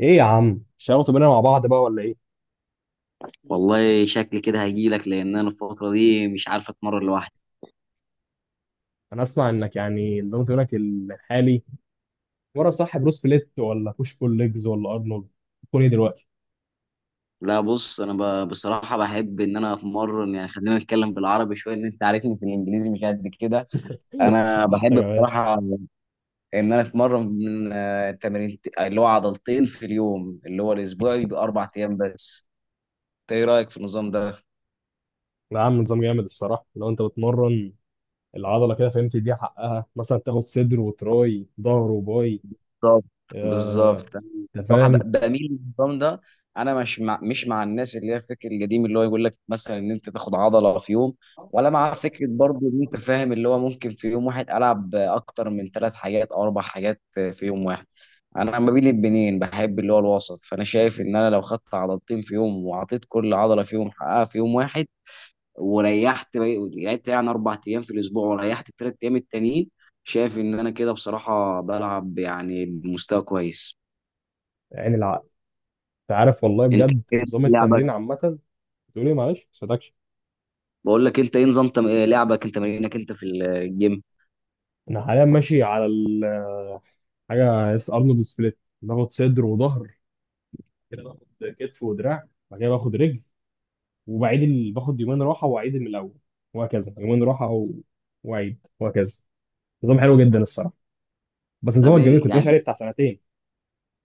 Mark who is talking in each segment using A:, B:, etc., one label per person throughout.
A: ايه يا عم، شغلتوا بينا مع بعض بقى ولا ايه؟
B: والله شكلي كده هجيلك لان انا الفتره دي مش عارف اتمرن لوحدي.
A: انا اسمع انك يعني نظام تمرينك الحالي مره صح بروس بليت ولا بوش بول ليجز ولا ارنولد تكون ايه دلوقتي.
B: لا بص انا بصراحه بحب ان انا اتمرن، يعني خلينا نتكلم بالعربي شويه، ان انت عارفني في الانجليزي مش قد كده. انا
A: محتاج
B: بحب
A: يا باشا.
B: بصراحه ان انا اتمرن من تمرين اللي هو عضلتين في اليوم، اللي هو الاسبوع بيبقى اربع ايام بس. إنت ايه رايك في النظام ده؟
A: لا يا عم، نظام جامد الصراحه. لو انت بتمرن العضله كده فهمت، دي حقها مثلا تاخد صدر وتراي، ظهر وباي.
B: بالظبط، بالظبط.
A: آه، انت
B: صراحه
A: فاهم.
B: بميل للنظام ده. انا مش مع الناس اللي هي الفكر القديم اللي هو يقول لك مثلا ان انت تاخد عضله في يوم، ولا مع فكره برضو ان انت فاهم اللي هو ممكن في يوم واحد العب اكتر من ثلاث حاجات او اربع حاجات في يوم واحد. انا ما بين البنين بحب اللي هو الوسط، فانا شايف ان انا لو خدت عضلتين في يوم وعطيت كل عضله فيهم حقها في يوم واحد وريحت لعبت يعني اربع ايام في الاسبوع وريحت الثلاث ايام التانيين. شايف ان انا كده بصراحه بلعب يعني بمستوى كويس.
A: عين العقل. انت عارف والله
B: انت
A: بجد
B: إيه
A: نظام التمرين
B: لعبك؟
A: عامه. تقول ايه، معلش صدقش.
B: بقول لك انت ايه إيه لعبك، انت تمرينك انت في الجيم؟
A: انا حاليا ماشي على حاجه اس ارنولد سبليت. باخد صدر وظهر، كده باخد كتف ودراع، بعد كده باخد رجل. وبعيد باخد يومين راحه واعيد من الاول، وهكذا. يومين راحه واعيد، وهكذا. نظام حلو جدا الصراحه. بس
B: طب
A: نظامك جميل،
B: ايه
A: كنت
B: يعني،
A: ماشي عليه بتاع سنتين.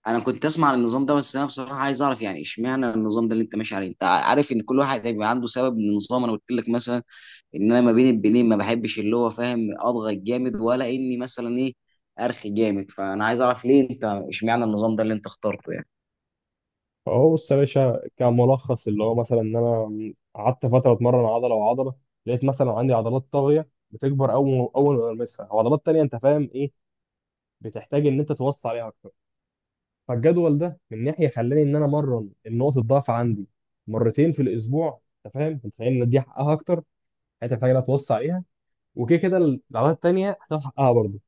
B: انا كنت اسمع عن النظام ده، بس انا بصراحه عايز اعرف يعني اشمعنى النظام ده اللي انت ماشي عليه. انت عارف ان كل واحد هيبقى عنده سبب من النظام. انا قلت لك مثلا ان انا ما بين البنين ما بحبش اللي هو فاهم اضغط جامد، ولا اني مثلا ايه، ارخي جامد، فانا عايز اعرف ليه انت اشمعنى النظام ده اللي انت اخترته يعني.
A: اهو بص يا باشا، كملخص اللي هو مثلا ان انا قعدت فتره اتمرن عضله وعضله، لقيت مثلا عندي عضلات طاغيه بتكبر اول اول ما بلمسها، وعضلات تانيه، انت فاهم ايه، بتحتاج ان انت توصي عليها اكتر. فالجدول ده من ناحيه خلاني ان انا امرن النقط الضعف عندي مرتين في الاسبوع. انت فاهم ان دي حقها اكتر، حته في حاجه لا توصي عليها، وكده كده العضلات التانيه هتاخد حقها برضه.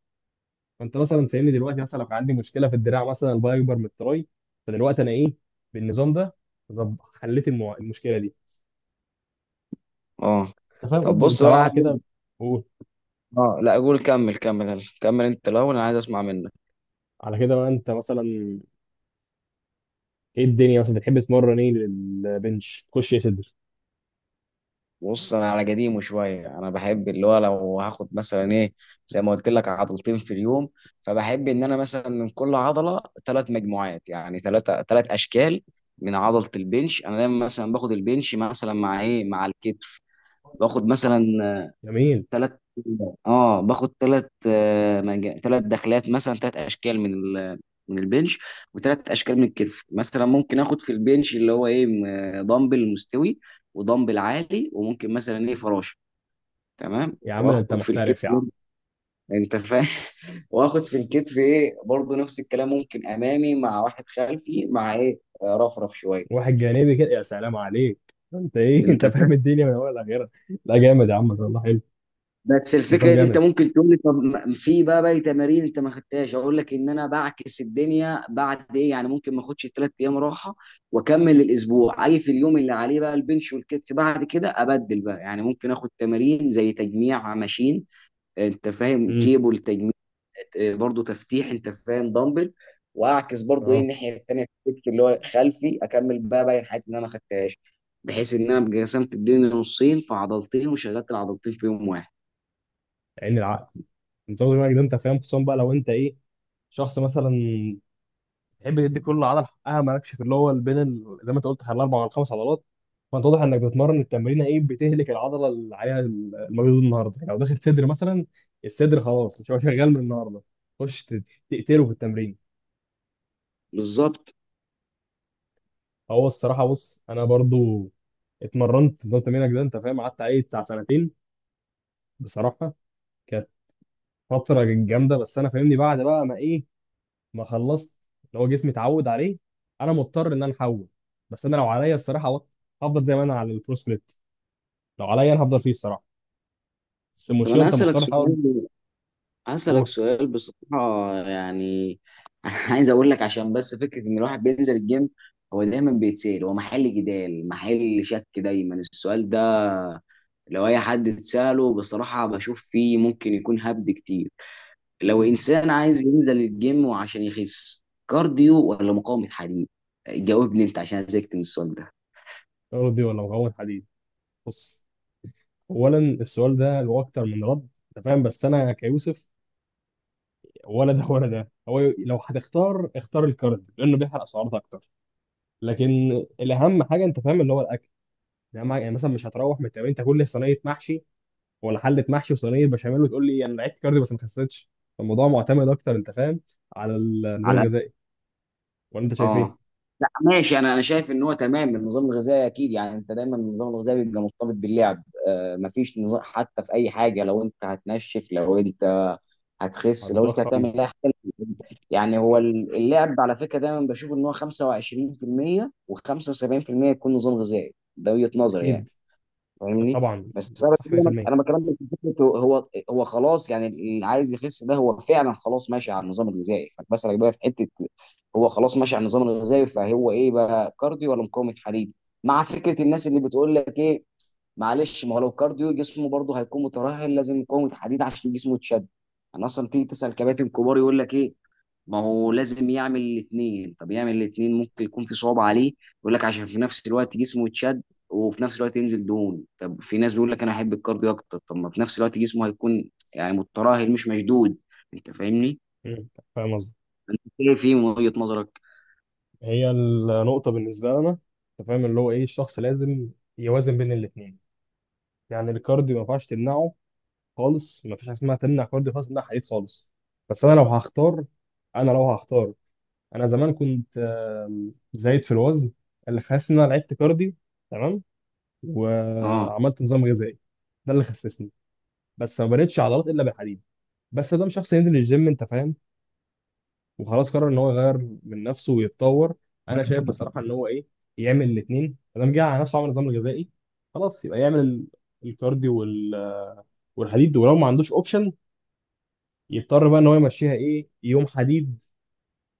A: فانت مثلا فاهمني دلوقتي، مثلا لو كان عندي مشكله في الدراع مثلا، الباي اكبر من التراي، فدلوقتي انا ايه بالنظام ده. طب حليت المشكله دي،
B: اه.
A: انت فاهم
B: طب
A: قصدي،
B: بص
A: انت بقى
B: انا
A: على
B: عندي.
A: كده. قول.
B: اه لا قول كمل كمل يلا. كمل انت الاول، انا عايز اسمع منك.
A: على كده بقى انت، مثلا ايه الدنيا مثلا بتحب تتمرن ايه، للبنش تخش يا صدر.
B: بص انا على قديمه شويه، انا بحب اللي هو لو هاخد مثلا ايه، زي ما قلت لك عضلتين في اليوم، فبحب ان انا مثلا من كل عضله ثلاث مجموعات، يعني ثلاثه ثلاث اشكال. من عضله البنش انا دايما مثلا باخد البنش مثلا مع ايه، مع الكتف. باخد مثلا
A: جميل.
B: ثلاث، اه باخد ثلاث، ثلاث دخلات مثلا، ثلاث اشكال من البنش، وثلاث اشكال من الكتف. مثلا ممكن اخد في البنش اللي هو ايه، دمبل مستوي ودمبل عالي، وممكن مثلا ايه فراشه. تمام،
A: يا عم ده انت
B: واخد في الكتف
A: محترف يا
B: برضه،
A: عم.
B: انت فاهم، واخد في الكتف ايه برضه نفس الكلام، ممكن امامي مع واحد خلفي مع ايه، رفرف شويه،
A: واحد جانبي كده، يا سلام عليك، انت ايه؟ انت
B: انت فاهم.
A: فاهم الدنيا من اولها لاخرها. لا جامد يا عم، والله حلو.
B: بس
A: نظام
B: الفكره، انت
A: جامد.
B: ممكن تقول لي طب في بقى باقي تمارين انت ما خدتهاش. اقول لك ان انا بعكس الدنيا بعد ايه، يعني ممكن ما اخدش ثلاث ايام راحه واكمل الاسبوع، اجي في اليوم اللي عليه بقى البنش والكتف بعد كده ابدل بقى. يعني ممكن اخد تمارين زي تجميع ماشين، انت فاهم،
A: امم.
B: كيبل تجميع، اه، برضو تفتيح، انت فاهم، دمبل. واعكس برضو ايه
A: اه.
B: الناحيه التانيه في الكتف اللي هو خلفي، اكمل بقى باقي الحاجات اللي انا ما خدتهاش، بحيث ان انا أبقى قسمت الدنيا نصين فعضلتين وشغلت العضلتين في يوم واحد.
A: عين العقل. نظام دماغك ده، انت فاهم، خصوصا بقى لو انت ايه، شخص مثلا تحب تدي كل عضله حقها، مالكش في اللي هو بين زي ما انت قلت، الاربع ولا الخمس عضلات. فانت واضح انك بتتمرن التمرينه ايه، بتهلك العضله اللي عليها المجهود النهارده. يعني لو داخل صدر مثلا، الصدر خلاص مش هو شغال من النهارده. خش تقتله في التمرين.
B: بالظبط.
A: هو الصراحه بص، انا برضو اتمرنت نظام تمرينك ده، انت فاهم، قعدت عليه بتاع سنتين. بصراحه كانت فتره جامده، بس انا، فاهمني، بعد بقى ما ايه، ما خلصت، اللي هو جسمي اتعود عليه، انا مضطر ان انا احول. بس انا لو عليا الصراحه هفضل زي ما انا على البرو سبليت. لو عليا انا هفضل فيه الصراحه، بس
B: طب
A: المشكله
B: انا
A: انت
B: هسألك
A: مضطر تحول.
B: سؤال، هسألك
A: اوه.
B: سؤال بصراحة يعني. عايز اقول لك، عشان بس فكرة ان الواحد بينزل الجيم هو دايما بيتسأل، هو محل جدال محل شك دايما السؤال ده، لو اي حد اتسأله بصراحة بشوف فيه ممكن يكون هبد كتير. لو
A: مم.
B: انسان عايز ينزل الجيم وعشان يخس، كارديو ولا مقاومة حديد؟ جاوبني انت عشان زهقت من السؤال
A: ارضي ولا مكون حديد. بص، اولا السؤال ده له اكتر من رد، انت فاهم، بس انا كيوسف، ولا ده ولا ده، هو لو هتختار اختار الكارب لانه بيحرق سعرات اكتر. لكن الاهم حاجه، انت فاهم، اللي هو الاكل. يعني مثلا مش هتروح من التمرين تاكل لي صينيه محشي ولا حله محشي وصينيه بشاميل وتقول لي انا لعبت كارديو بس ما خسيتش. الموضوع معتمد اكتر، انت فاهم، على النظام
B: ده.
A: الغذائي. ولا انت شايف ايه؟
B: اه لا ماشي. انا انا شايف ان هو تمام، النظام الغذائي اكيد يعني، انت دايما النظام الغذائي بيبقى مرتبط باللعب. مفيش نظام حتى في اي حاجه، لو انت هتنشف لو انت هتخس لو انت
A: هتضخم.
B: هتعمل اي حاجه. يعني هو
A: مم.
B: اللعب على فكره دايما بشوف ان هو 25% و75% يكون نظام غذائي، ده وجهه نظري يعني.
A: اكيد.
B: فاهمني،
A: طبعا. صح
B: انا
A: 100%.
B: أنا بكلمك في فكره، هو خلاص يعني اللي عايز يخس ده هو فعلا خلاص ماشي على النظام الغذائي، فبسألك بقى في حته، هو خلاص ماشي على النظام الغذائي، فهو ايه بقى، كارديو ولا مقاومه حديد؟ مع فكره الناس اللي بتقول لك ايه، معلش ما هو لو كارديو جسمه برضه هيكون مترهل، لازم مقاومه حديد عشان جسمه يتشد. انا اصلا تيجي تسأل كباتن كبار يقول لك ايه، ما هو لازم يعمل الاثنين. طب يعمل الاثنين ممكن يكون في صعوبة عليه. يقول لك عشان في نفس الوقت جسمه يتشد وفي نفس الوقت ينزل دهون. طب في ناس بيقول لك انا احب الكارديو اكتر، طب ما في نفس الوقت جسمه هيكون يعني متراهل مش مشدود. انت فاهمني؟
A: مم. فاهم قصدي.
B: شايف ايه في من وجهة نظرك؟
A: هي النقطه بالنسبه لنا، انت فاهم، اللي هو ايه، الشخص لازم يوازن بين الاثنين. يعني الكارديو ما ينفعش تمنعه خالص، ما فيش حاجه اسمها تمنع كارديو خالص تمنع حديد خالص. بس انا لو هختار، انا زمان كنت زايد في الوزن، اللي خلاص ان انا لعبت كارديو، تمام،
B: اه.
A: وعملت نظام غذائي. ده اللي خسسني، بس ما بنيتش عضلات الا بالحديد. بس ده مش شخص ينزل الجيم، انت فاهم، وخلاص قرر ان هو يغير من نفسه ويتطور. انا شايف بصراحه ان هو ايه، يعمل الاثنين، ما دام جه على نفسه عمل نظام غذائي، خلاص يبقى يعمل الكارديو والحديد. ولو ما عندوش اوبشن، يضطر بقى ان هو يمشيها ايه، يوم حديد،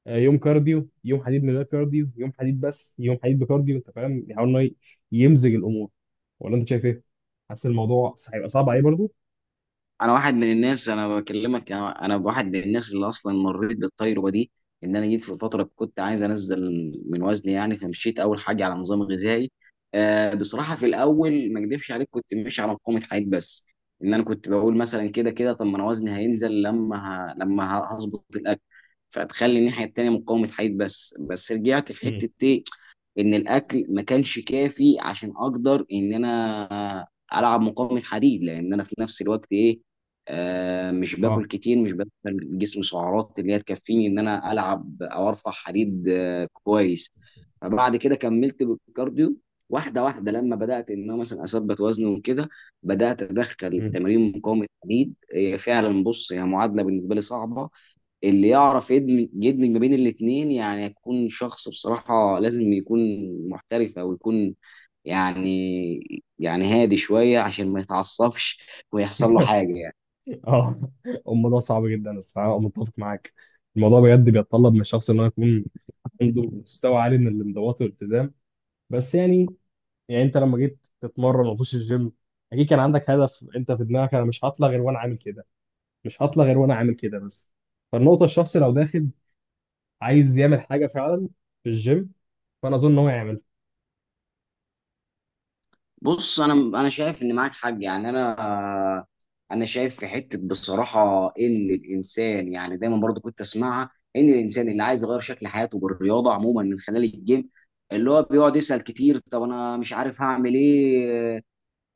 A: يوم كارديو، يوم حديد من غير كارديو، يوم حديد بس، يوم حديد بكارديو، انت فاهم، يحاول ان هو يمزج الامور. ولا انت شايف ايه؟ حاسس الموضوع هيبقى صعب عليه برضه؟
B: انا واحد من الناس، انا بكلمك، انا واحد من الناس اللي اصلا مريت بالتجربه دي. ان انا جيت في فتره كنت عايز انزل من وزني، يعني فمشيت اول حاجه على نظام غذائي. بصراحه في الاول ما اكدبش عليك كنت ماشي على مقاومه حياه بس، ان انا كنت بقول مثلا كده كده طب ما انا وزني هينزل لما لما هظبط الاكل، فتخلي الناحيه التانيه مقاومه حياه بس. بس رجعت في حته ايه، ان الاكل ما كانش كافي عشان اقدر ان انا العب مقاومه حديد، لان انا في نفس الوقت ايه، مش
A: اه.
B: باكل كتير، مش بدخل جسم سعرات اللي هي تكفيني ان انا العب او ارفع حديد. كويس. فبعد كده كملت بالكارديو واحده واحده، لما بدات ان انا مثلا اثبت وزني وكده، بدات ادخل
A: مم.
B: تمارين مقاومه حديد. هي فعلا بص هي معادله بالنسبه لي صعبه، اللي يعرف يدمج يدمج ما بين الاثنين. يعني يكون شخص بصراحة لازم يكون محترف، او يكون يعني هادي شوية عشان ما يتعصبش ويحصل له حاجة يعني.
A: اه. الموضوع صعب جدا الصراحه، أنا متفق معاك. الموضوع بجد بيتطلب من الشخص ان هو يكون عنده مستوى عالي من الانضباط والالتزام. بس يعني انت لما جيت تتمرن وتخش الجيم اكيد كان عندك هدف انت في دماغك، انا مش هطلع غير وانا عامل كده، مش هطلع غير وانا عامل كده، بس. فالنقطه الشخص لو داخل عايز يعمل حاجه فعلا في الجيم، فانا اظن ان هو يعمل.
B: بص انا شايف ان معاك حق، يعني انا شايف في حتة بصراحة ان الانسان يعني دايما برضو كنت اسمعها، ان الانسان اللي عايز يغير شكل حياته بالرياضة عموما من خلال الجيم، اللي هو بيقعد يسأل كتير طب انا مش عارف هعمل ايه،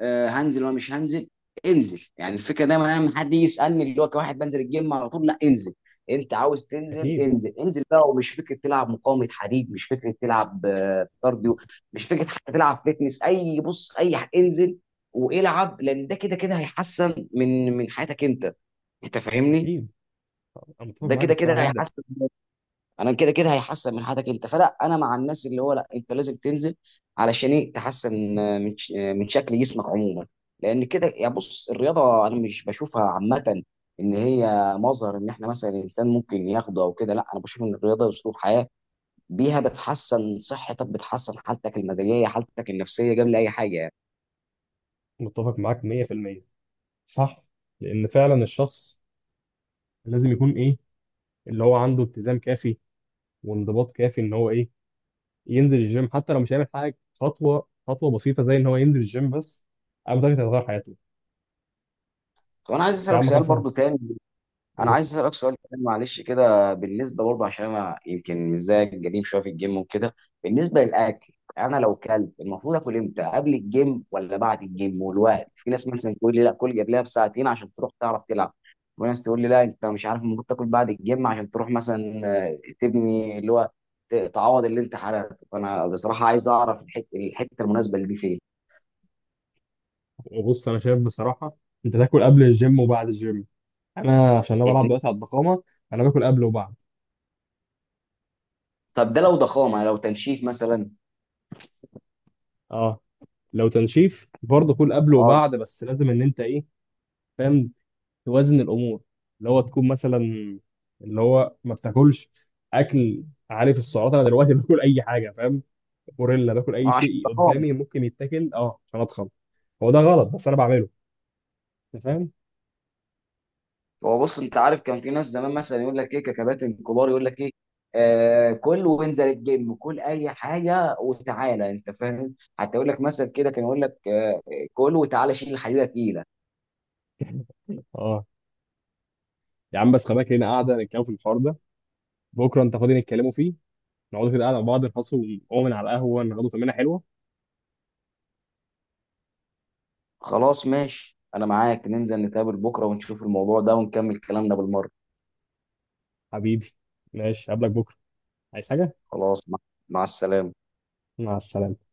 B: هنزل ولا مش هنزل؟ انزل، يعني الفكره دايما انا لما حد يجي يسالني اللي هو كواحد بنزل الجيم على طول، لا انزل. انت عاوز تنزل
A: اكيد.
B: انزل، انزل بقى، ومش فكره تلعب مقاومه حديد، مش فكره تلعب كارديو، مش فكره حتى تلعب فيتنس، اي بص اي انزل والعب، لان ده كده كده هيحسن من حياتك انت. انت فاهمني؟
A: اكيد، انا متفق
B: ده
A: معاك
B: كده
A: الصراحه
B: كده
A: جدا.
B: هيحسن، انا كده كده هيحسن من حياتك انت. فلا انا مع الناس اللي هو لا انت لازم تنزل، علشان ايه، تحسن من من شكل جسمك عموما. لان كده يا بص الرياضه انا مش بشوفها عامه ان هي مظهر ان احنا مثلا الانسان ممكن ياخده او كده، لا انا بشوف ان الرياضه اسلوب حياه، بيها بتحسن صحتك، بتحسن حالتك المزاجيه، حالتك النفسيه قبل اي حاجه يعني.
A: متفق معاك 100%. صح. لان فعلا الشخص لازم يكون إيه؟ اللي هو عنده التزام كافي وانضباط كافي ان هو ايه، ينزل الجيم حتى لو مش هيعمل حاجه. خطوه خطوه بسيطه، زي ان هو ينزل الجيم بس، انا متاكد هتغير حياته.
B: طب انا عايز
A: بس يا
B: اسالك
A: عم
B: سؤال
A: كسر
B: برضو تاني، انا
A: و-
B: عايز اسالك سؤال كمان معلش كده، بالنسبه برضه عشان انا يمكن مش زيك قديم شويه في الجيم وكده، بالنسبه للاكل، انا لو كلت المفروض اكل امتى، قبل الجيم ولا بعد الجيم؟ والوقت، في ناس مثلا تقول لي لا كل قبلها بساعتين عشان تروح تعرف تلعب، وناس تقول لي لا انت مش عارف المفروض تاكل بعد الجيم عشان تروح مثلا تبني اللي هو تعوض اللي انت حرقته. فانا بصراحه عايز اعرف الحته، الحته المناسبه اللي دي فين.
A: وبص، انا شايف بصراحه انت تاكل قبل الجيم وبعد الجيم. انا عشان انا بلعب
B: اتنين.
A: دلوقتي على الضخامه، انا باكل قبل وبعد.
B: طب ده لو ضخامه، لو تنشيف مثلا؟
A: اه، لو تنشيف برضه كل قبل
B: اه.
A: وبعد، بس لازم ان انت ايه، فاهم، توازن الامور. اللي هو تكون مثلا، اللي هو ما بتاكلش اكل، عارف السعرات. انا دلوقتي باكل اي حاجه، فاهم، غوريلا، باكل اي
B: عشان
A: شيء
B: ضخامه.
A: قدامي ممكن يتاكل، اه، عشان اتخن. هو ده غلط بس انا بعمله، انت فاهم.
B: هو بص انت عارف كان في ناس زمان مثلا يقول لك ايه، ككباتن كبار يقول لك ايه، كل وانزل الجيم، كل اي حاجه وتعالى، انت فاهم. حتى يقول لك مثلا كده، كان يقول لك كل وتعالى شيل الحديده تقيله.
A: اه. يا عم بس، خباك لينا قاعده نتكلم في الحوار ده. بكره انت فاضي نتكلموا فيه، نقعدوا كده قاعده مع بعض، نخلصوا من على القهوه ناخدوا تمرينه حلوه.
B: خلاص ماشي انا معاك، ننزل نتقابل بكره ونشوف الموضوع ده ونكمل كلامنا بالمره.
A: حبيبي، ماشي، قبلك بكره، عايز حاجه؟
B: خلاص، مع السلامه.
A: مع السلامه.